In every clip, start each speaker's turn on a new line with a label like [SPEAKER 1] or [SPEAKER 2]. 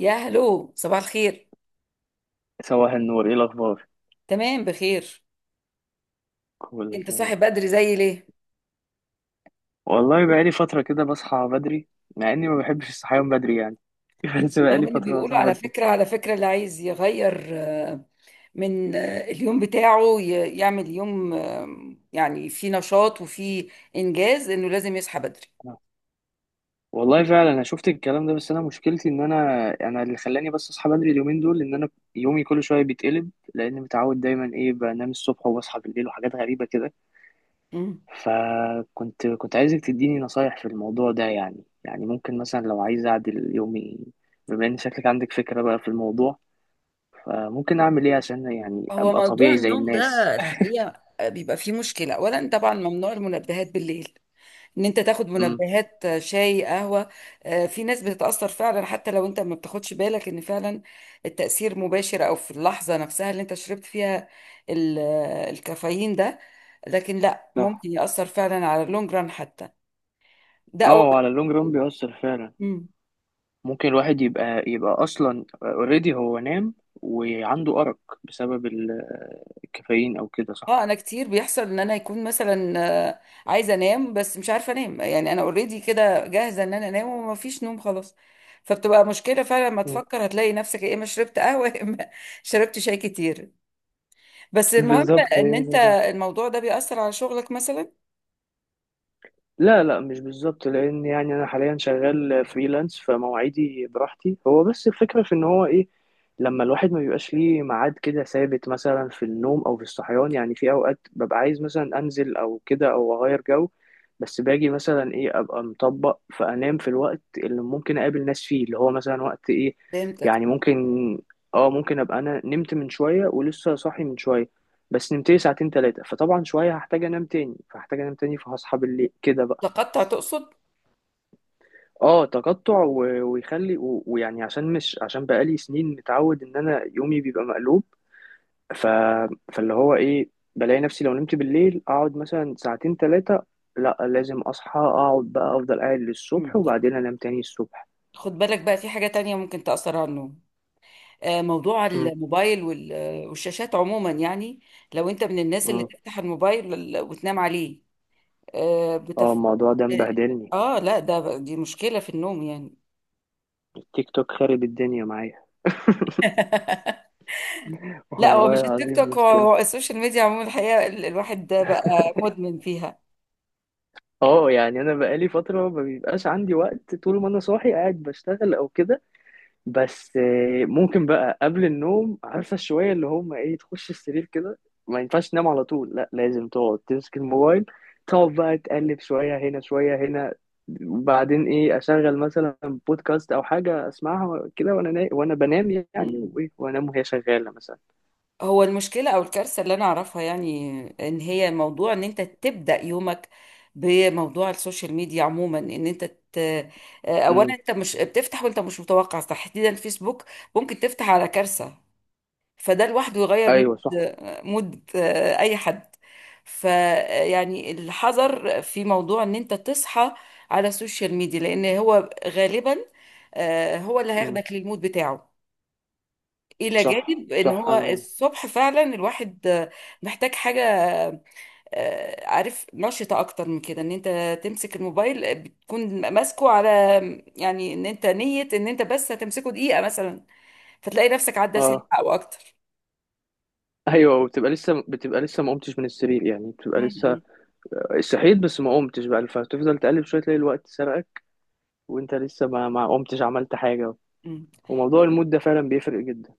[SPEAKER 1] يا هلو، صباح الخير.
[SPEAKER 2] صباح النور، ايه الاخبار؟
[SPEAKER 1] تمام بخير.
[SPEAKER 2] كله
[SPEAKER 1] انت صاحي
[SPEAKER 2] تمام.
[SPEAKER 1] بدري زي ليه؟
[SPEAKER 2] والله بقالي فتره كده بصحى بدري، مع اني ما بحبش الصحيان بدري يعني. بس
[SPEAKER 1] رغم
[SPEAKER 2] بقالي
[SPEAKER 1] ان
[SPEAKER 2] فتره
[SPEAKER 1] بيقولوا
[SPEAKER 2] بصحى
[SPEAKER 1] على
[SPEAKER 2] بدري.
[SPEAKER 1] فكرة على فكرة اللي عايز يغير من اليوم بتاعه يعمل يوم يعني فيه نشاط وفيه انجاز انه لازم يصحى بدري.
[SPEAKER 2] والله فعلا انا شفت الكلام ده، بس انا مشكلتي ان انا اللي خلاني، بس اصحى بدري اليومين دول ان انا يومي كل شويه بيتقلب، لان متعود دايما ايه بنام الصبح وبصحى بالليل وحاجات غريبه كده.
[SPEAKER 1] مم.
[SPEAKER 2] فكنت كنت عايزك تديني نصايح في الموضوع ده. يعني ممكن مثلا لو عايز اعدل يومي، بما ان شكلك عندك فكره بقى في الموضوع، فممكن اعمل ايه عشان يعني
[SPEAKER 1] هو
[SPEAKER 2] ابقى
[SPEAKER 1] موضوع
[SPEAKER 2] طبيعي زي
[SPEAKER 1] النوم
[SPEAKER 2] الناس؟
[SPEAKER 1] ده الحقيقة بيبقى فيه مشكلة. اولا طبعا ممنوع المنبهات بالليل، ان انت تاخد
[SPEAKER 2] امم.
[SPEAKER 1] منبهات شاي، قهوة. في ناس بتتأثر فعلا حتى لو انت ما بتاخدش بالك ان فعلا التأثير مباشر او في اللحظة نفسها اللي انت شربت فيها الكافيين ده، لكن لا،
[SPEAKER 2] صح.
[SPEAKER 1] ممكن يأثر فعلا على اللونج ران حتى. ده اول.
[SPEAKER 2] اه، وعلى اللونج رون بيأثر فعلا.
[SPEAKER 1] مم.
[SPEAKER 2] ممكن الواحد يبقى اصلا اوريدي هو نام وعنده أرق بسبب الكافيين او كده،
[SPEAKER 1] اه
[SPEAKER 2] صح؟
[SPEAKER 1] انا كتير بيحصل ان انا يكون مثلا آه، عايزة انام بس مش عارفة انام، يعني انا اوريدي كده جاهزة ان انا انام وما فيش نوم خلاص. فبتبقى مشكلة فعلا، ما
[SPEAKER 2] مم.
[SPEAKER 1] تفكر هتلاقي نفسك يا اما شربت قهوة يا اما شربت شاي كتير. بس المهم
[SPEAKER 2] بالظبط هي.
[SPEAKER 1] ان انت الموضوع ده بيأثر على شغلك مثلا.
[SPEAKER 2] لا، لا، مش بالظبط. لان يعني انا حاليا شغال فريلانس فمواعيدي براحتي، هو بس الفكره في ان هو ايه، لما الواحد ما بيبقاش ليه ميعاد كده ثابت، مثلا في النوم او في الصحيان، يعني في اوقات ببقى عايز مثلا انزل او كده او اغير جو، بس باجي مثلا ايه ابقى مطبق فانام في الوقت اللي ممكن اقابل ناس فيه، اللي هو مثلا وقت ايه.
[SPEAKER 1] فهمتك.
[SPEAKER 2] يعني ممكن. اه، ممكن ابقى انا نمت من شويه ولسه صاحي من شويه، بس نمت لي ساعتين ثلاثه، فطبعا شويه هحتاج انام تاني فهصحى بالليل كده بقى.
[SPEAKER 1] تقطع تقصد.
[SPEAKER 2] اه، تقطع ويخلي ويعني عشان مش عشان بقالي سنين متعود ان انا يومي بيبقى مقلوب. ف... فاللي هو ايه، بلاقي نفسي لو نمت بالليل اقعد مثلا ساعتين ثلاثة. لا، لازم اصحى اقعد بقى افضل قاعد للصبح،
[SPEAKER 1] مم.
[SPEAKER 2] وبعدين انام تاني الصبح.
[SPEAKER 1] خد بالك بقى، في حاجة تانية ممكن تأثر على النوم، موضوع
[SPEAKER 2] م-
[SPEAKER 1] الموبايل والشاشات عموما، يعني لو انت من الناس اللي
[SPEAKER 2] م.
[SPEAKER 1] تفتح الموبايل وتنام عليه. آه،
[SPEAKER 2] اه،
[SPEAKER 1] بتف...
[SPEAKER 2] الموضوع ده
[SPEAKER 1] اه.
[SPEAKER 2] مبهدلني.
[SPEAKER 1] لا ده، دي مشكلة في النوم يعني.
[SPEAKER 2] التيك توك خارب الدنيا معايا.
[SPEAKER 1] لا، هو
[SPEAKER 2] والله
[SPEAKER 1] مش التيك
[SPEAKER 2] العظيم
[SPEAKER 1] توك، هو
[SPEAKER 2] مشكلة.
[SPEAKER 1] هو السوشيال ميديا عموما الحقيقة. الواحد ده بقى مدمن فيها.
[SPEAKER 2] اه، يعني انا بقالي فترة ما بيبقاش عندي وقت طول ما انا صاحي قاعد بشتغل او كده، بس ممكن بقى قبل النوم عارفة شوية اللي هم ايه، تخش السرير كده، ما ينفعش تنام على طول، لا لازم تقعد تمسك الموبايل، تقعد بقى تقلب شوية هنا شوية هنا، وبعدين ايه اشغل مثلا بودكاست او حاجة اسمعها كده وانا وانا بنام يعني، وايه وانام وهي شغالة مثلا.
[SPEAKER 1] هو المشكلة أو الكارثة اللي أنا أعرفها، يعني إن هي موضوع إن أنت تبدأ يومك بموضوع السوشيال ميديا عموما، إن أنت ت... آه، أولا
[SPEAKER 2] امم.
[SPEAKER 1] أنت مش بتفتح وأنت مش متوقع، تحديدا فيسبوك، ممكن تفتح على كارثة. فده لوحده يغير مود،
[SPEAKER 2] ايوه، صح.
[SPEAKER 1] مود أي حد. فيعني الحذر في موضوع إن أنت تصحى على السوشيال ميديا، لأن هو غالبا هو اللي
[SPEAKER 2] امم.
[SPEAKER 1] هياخدك للمود بتاعه. الى
[SPEAKER 2] صح،
[SPEAKER 1] جانب ان
[SPEAKER 2] صح،
[SPEAKER 1] هو
[SPEAKER 2] انا.
[SPEAKER 1] الصبح فعلا الواحد محتاج حاجه عارف، نشطه اكتر من كده. ان انت تمسك الموبايل بتكون ماسكه على، يعني ان انت نيه ان انت بس هتمسكه دقيقه مثلا، فتلاقي نفسك عدى ساعه
[SPEAKER 2] اه،
[SPEAKER 1] او اكتر.
[SPEAKER 2] ايوه، وبتبقى لسه بتبقى لسه ما قمتش من السرير يعني، بتبقى
[SPEAKER 1] م-
[SPEAKER 2] لسه
[SPEAKER 1] م-
[SPEAKER 2] صحيت بس ما قمتش بقى، فتفضل تقلب شويه تلاقي الوقت سرقك وانت لسه ما قمتش عملت حاجة.
[SPEAKER 1] م.
[SPEAKER 2] وموضوع المود ده فعلا بيفرق جدا.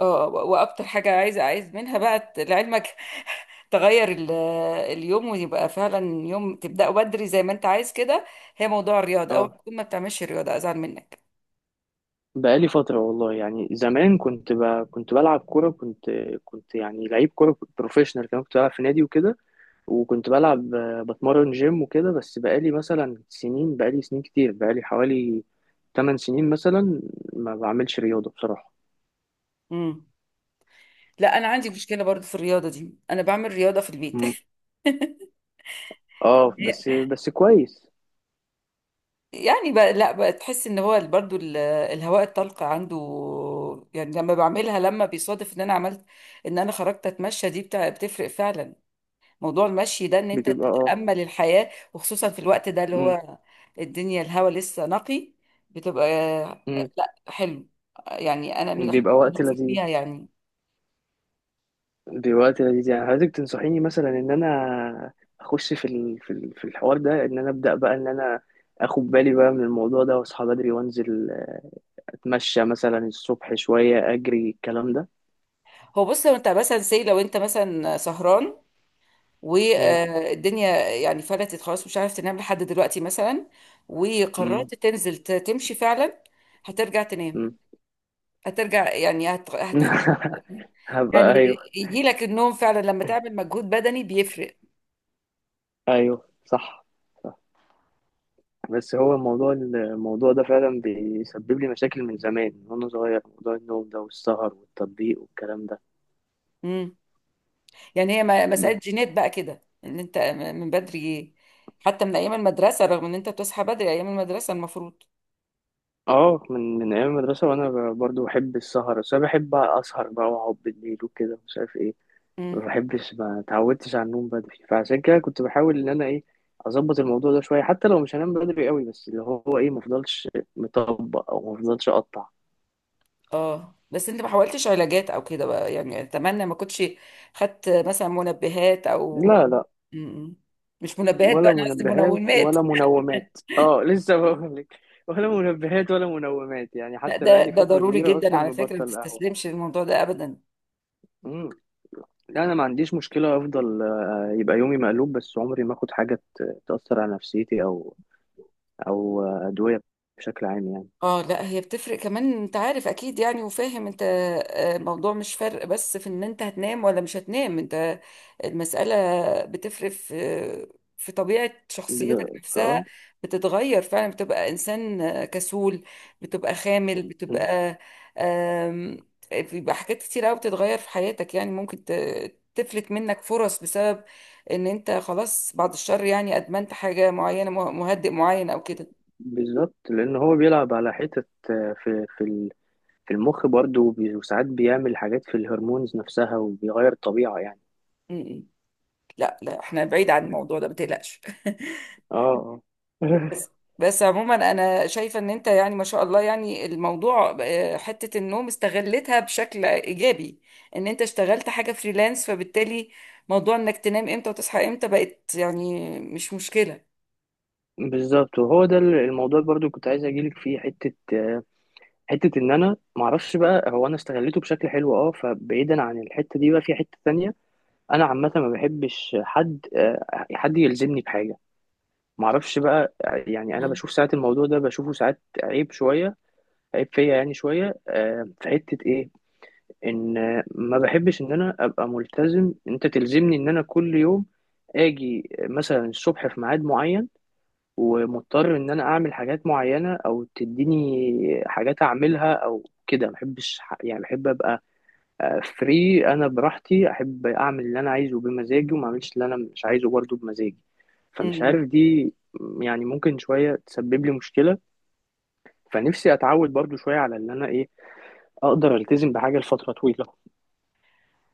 [SPEAKER 1] اه، واكتر حاجه عايز منها بقى، لعلمك، تغير اليوم، ويبقى فعلا يوم تبداه بدري زي ما انت عايز كده. هي موضوع الرياضه، او
[SPEAKER 2] اه،
[SPEAKER 1] تكون ما بتعملش رياضه ازعل منك.
[SPEAKER 2] بقالي فترة والله. يعني زمان كنت بلعب كورة، كنت يعني لعيب كورة، كنت بروفيشنال كمان، كنت بلعب في نادي وكده، وكنت بلعب بتمرن جيم وكده. بس بقالي مثلا سنين، بقالي سنين كتير، بقالي حوالي 8 سنين مثلا ما بعملش رياضة بصراحة.
[SPEAKER 1] لا انا عندي مشكله برضو في الرياضه دي، انا بعمل رياضه في البيت.
[SPEAKER 2] مم. اه، بس بس كويس.
[SPEAKER 1] يعني بقى لا بقى، تحس ان هو برضو الهواء الطلق عنده، يعني لما بعملها، لما بيصادف ان انا عملت ان انا خرجت اتمشى دي بتاع، بتفرق فعلا. موضوع المشي ده، ان انت
[SPEAKER 2] بتبقى اه.
[SPEAKER 1] تتامل الحياه، وخصوصا في الوقت ده اللي
[SPEAKER 2] مم.
[SPEAKER 1] هو الدنيا الهواء لسه نقي، بتبقى
[SPEAKER 2] مم.
[SPEAKER 1] لا حلو. يعني انا من
[SPEAKER 2] بيبقى
[SPEAKER 1] الحاجات اللي
[SPEAKER 2] وقت
[SPEAKER 1] بنفرح
[SPEAKER 2] لذيذ.
[SPEAKER 1] بيها يعني.
[SPEAKER 2] دلوقتي لذيذ. يعني عايزك تنصحيني مثلا ان انا اخش في الحوار ده ان انا ابدا بقى ان انا اخد بالي بقى من الموضوع ده واصحى بدري وانزل اتمشى مثلا الصبح شويه، اجري، الكلام ده.
[SPEAKER 1] هو بص، لو انت مثلا سهران
[SPEAKER 2] مم.
[SPEAKER 1] والدنيا يعني فلتت خلاص، مش عارف تنام لحد دلوقتي مثلا،
[SPEAKER 2] مم.
[SPEAKER 1] وقررت تنزل تمشي فعلا، هترجع تنام،
[SPEAKER 2] مم.
[SPEAKER 1] هترجع يعني هتحقق. يعني
[SPEAKER 2] هبقى ايوه.
[SPEAKER 1] يجي لك النوم فعلا لما تعمل مجهود بدني، بيفرق.
[SPEAKER 2] ايوه، صح. بس هو الموضوع ده فعلا بيسبب لي مشاكل من زمان، من وانا صغير، موضوع النوم ده والسهر والتطبيق والكلام ده.
[SPEAKER 1] امم. يعني هي مسألة جينات بقى كده، ان انت من بدري، حتى من ايام المدرسة، رغم ان انت بتصحى بدري ايام المدرسة المفروض.
[SPEAKER 2] اه، من ايام المدرسه وانا برضو بحب السهر، بس انا بحب اسهر بقى واقعد بالليل وكده مش عارف ايه. ما
[SPEAKER 1] امم.
[SPEAKER 2] بحبش، ما اتعودتش على النوم بدري، فعشان كده كنت بحاول ان انا ايه اظبط الموضوع ده شويه، حتى لو مش هنام بدري قوي، بس اللي هو ايه ما افضلش مطبق او ما افضلش اقطع.
[SPEAKER 1] اه بس انت ما حاولتش علاجات او كده بقى، يعني اتمنى ما كنتش خدت مثلا منبهات او.
[SPEAKER 2] لا، لا،
[SPEAKER 1] م-م. مش منبهات بقى،
[SPEAKER 2] ولا
[SPEAKER 1] انا قصدي
[SPEAKER 2] منبهات
[SPEAKER 1] منومات.
[SPEAKER 2] ولا منومات. اه، لسه بقول لك، ولا منبهات ولا منومات، يعني
[SPEAKER 1] لا،
[SPEAKER 2] حتى
[SPEAKER 1] ده
[SPEAKER 2] بقالي
[SPEAKER 1] ده
[SPEAKER 2] فتره
[SPEAKER 1] ضروري
[SPEAKER 2] كبيره
[SPEAKER 1] جدا
[SPEAKER 2] اصلا
[SPEAKER 1] على فكره، ما
[SPEAKER 2] مبطل
[SPEAKER 1] تستسلمش للموضوع ده ابدا.
[SPEAKER 2] قهوه. لا انا ما عنديش مشكله افضل يبقى يومي مقلوب، بس عمري ما اخد حاجه تاثر على نفسيتي او ادويه بشكل عام يعني.
[SPEAKER 1] اه لا، هي بتفرق كمان، انت عارف اكيد يعني وفاهم انت. الموضوع مش فرق بس في ان انت هتنام ولا مش هتنام، انت المسألة بتفرق في في طبيعة شخصيتك نفسها.
[SPEAKER 2] اه.
[SPEAKER 1] بتتغير فعلا، بتبقى انسان كسول، بتبقى خامل،
[SPEAKER 2] م،
[SPEAKER 1] بتبقى آم، بيبقى حاجات كتير قوي بتتغير في حياتك، يعني ممكن تفلت منك فرص بسبب ان انت خلاص، بعد الشر، يعني ادمنت حاجة معينة، مهدئ معين او
[SPEAKER 2] بالظبط لان هو بيلعب على حتت في المخ برضه وبي- وساعات بيعمل حاجات في الهرمونز نفسها وبيغير الطبيعه يعني.
[SPEAKER 1] كده. لا لا، احنا بعيد عن الموضوع ده ما تقلقش.
[SPEAKER 2] اه، اه.
[SPEAKER 1] بس بس عموما انا شايفه ان انت، يعني ما شاء الله، يعني الموضوع حته النوم استغلتها بشكل ايجابي، ان انت اشتغلت حاجه فريلانس، فبالتالي موضوع انك تنام امتى وتصحى امتى بقت يعني مش مشكله.
[SPEAKER 2] بالظبط. وهو ده الموضوع برضو كنت عايز اجيلك فيه حته ان انا معرفش بقى هو انا استغليته بشكل حلو. اه، فبعيدا عن الحته دي بقى في حته تانية. انا عامه ما بحبش حد يلزمني بحاجه، ما اعرفش بقى، يعني انا
[SPEAKER 1] مم.
[SPEAKER 2] بشوف ساعات الموضوع ده، بشوفه ساعات عيب شويه، عيب فيا يعني شويه، في حته ايه، ان ما بحبش ان انا ابقى ملتزم، انت تلزمني ان انا كل يوم اجي مثلا الصبح في ميعاد معين، ومضطر ان انا اعمل حاجات معينه او تديني حاجات اعملها او كده، ما بحبش يعني بحب ابقى فري، انا براحتي، احب اعمل اللي انا عايزه بمزاجي وما اعملش اللي انا مش عايزه برضه بمزاجي، فمش
[SPEAKER 1] امم.
[SPEAKER 2] عارف دي. يعني ممكن شويه تسبب لي مشكله، فنفسي اتعود برضه شويه على اللي انا ايه، اقدر التزم بحاجه لفتره طويله.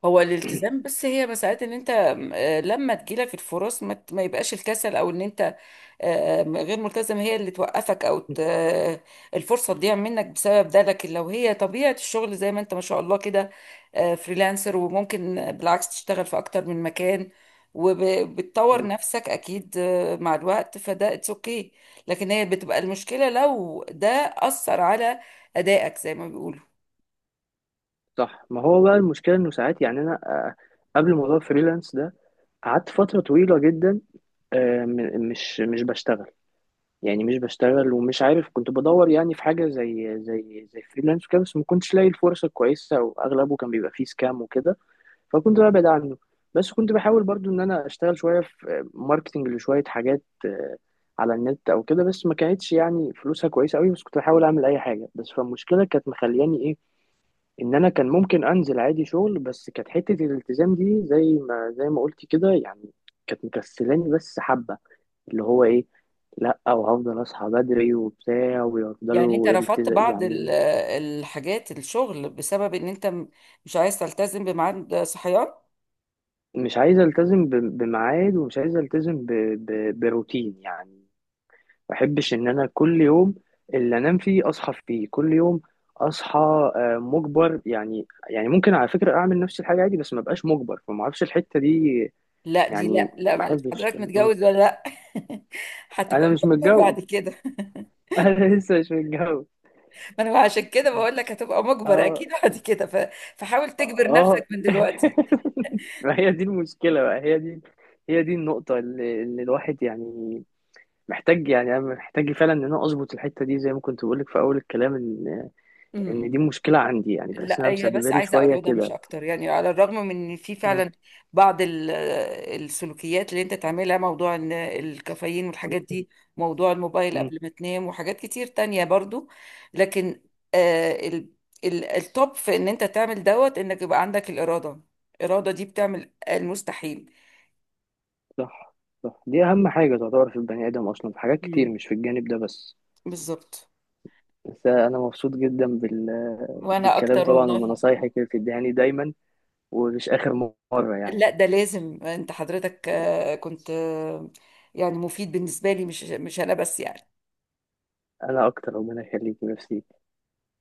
[SPEAKER 1] هو الالتزام بس هي مسألة ان انت لما تجيلك الفرص ما ما يبقاش الكسل او ان انت غير ملتزم هي اللي توقفك، او الفرصة تضيع منك بسبب ده. لكن لو هي طبيعة الشغل زي ما انت ما شاء الله كده فريلانسر، وممكن بالعكس تشتغل في اكتر من مكان وبتطور
[SPEAKER 2] مم.
[SPEAKER 1] نفسك اكيد مع الوقت، فده اتس اوكي. لكن هي بتبقى المشكلة لو ده أثر على أدائك زي ما بيقولوا.
[SPEAKER 2] صح، ما هو بقى المشكله انه ساعات، يعني انا قبل موضوع الفريلانس ده قعدت فتره طويله جدا، مش بشتغل. يعني مش بشتغل ومش عارف، كنت بدور يعني في حاجه زي فريلانس وكده، بس ما كنتش لاقي الفرصه كويسه، واغلبه كان بيبقى فيه سكام وكده فكنت ببعد عنه. بس كنت بحاول برضو ان انا اشتغل شويه في ماركتنج لشويه حاجات على النت او كده، بس ما كانتش يعني فلوسها كويسه قوي، بس كنت بحاول اعمل اي حاجه. بس فالمشكله كانت مخلياني ايه، ان انا كان ممكن انزل عادي شغل، بس كانت حته الالتزام دي زي ما قلت كده، يعني كانت مكسلاني بس حبه، اللي هو ايه، لا وهفضل اصحى بدري وبتاع
[SPEAKER 1] يعني انت
[SPEAKER 2] ويفضلوا
[SPEAKER 1] رفضت
[SPEAKER 2] التزام
[SPEAKER 1] بعض
[SPEAKER 2] يعني.
[SPEAKER 1] الحاجات الشغل بسبب ان انت مش عايز تلتزم بميعاد صحيان.
[SPEAKER 2] مش عايز التزم بميعاد ومش عايز التزم بروتين يعني. ما بحبش ان انا كل يوم اللي انام فيه اصحى فيه كل يوم اصحى مجبر يعني. يعني ممكن على فكرة اعمل نفس الحاجة عادي بس ما بقاش مجبر، فما اعرفش الحتة دي.
[SPEAKER 1] لا دي،
[SPEAKER 2] يعني
[SPEAKER 1] لا لا
[SPEAKER 2] ما
[SPEAKER 1] معلش،
[SPEAKER 2] بحبش.
[SPEAKER 1] حضرتك
[SPEAKER 2] م.
[SPEAKER 1] متجوز ولا لا؟ هتبقى
[SPEAKER 2] انا مش
[SPEAKER 1] مجبر
[SPEAKER 2] متجوز.
[SPEAKER 1] بعد كده.
[SPEAKER 2] انا لسه مش متجوز.
[SPEAKER 1] ما انا عشان كده بقول لك هتبقى مجبر
[SPEAKER 2] اه،
[SPEAKER 1] اكيد بعد كده، فحاول تجبر نفسك
[SPEAKER 2] اه.
[SPEAKER 1] من دلوقتي.
[SPEAKER 2] ما هي دي المشكلة بقى. هي دي النقطة اللي الواحد يعني محتاج، يعني أنا محتاج فعلا إن أنا أظبط الحتة دي، زي ما كنت بقولك في أول الكلام، إن دي
[SPEAKER 1] امم.
[SPEAKER 2] مشكلة عندي يعني، بحس
[SPEAKER 1] لا
[SPEAKER 2] إنها
[SPEAKER 1] هي
[SPEAKER 2] مسببة
[SPEAKER 1] بس
[SPEAKER 2] لي
[SPEAKER 1] عايزه
[SPEAKER 2] شوية
[SPEAKER 1] اراده مش
[SPEAKER 2] كده.
[SPEAKER 1] اكتر، يعني على الرغم من ان في فعلا بعض السلوكيات اللي انت تعملها، موضوع ان الكافيين والحاجات دي، موضوع الموبايل
[SPEAKER 2] مم.
[SPEAKER 1] قبل ما تنام، وحاجات كتير تانية برضو. لكن آه، التوب في ان انت تعمل دوت، انك يبقى عندك الاراده. الاراده دي بتعمل المستحيل.
[SPEAKER 2] صح، صح، دي أهم حاجة تعتبر في البني آدم أصلا، في حاجات كتير
[SPEAKER 1] مم.
[SPEAKER 2] مش في الجانب ده بس.
[SPEAKER 1] بالظبط.
[SPEAKER 2] بس أنا مبسوط جدا
[SPEAKER 1] وانا
[SPEAKER 2] بالكلام
[SPEAKER 1] اكتر
[SPEAKER 2] طبعا،
[SPEAKER 1] والله.
[SPEAKER 2] وبنصايحك اللي بتديهاني دايما، ومش آخر مرة يعني.
[SPEAKER 1] لا ده لازم، انت حضرتك آه، كنت آه، يعني مفيد بالنسبه لي، مش انا بس يعني.
[SPEAKER 2] أنا أكتر، ربنا يخليك، ميرسي.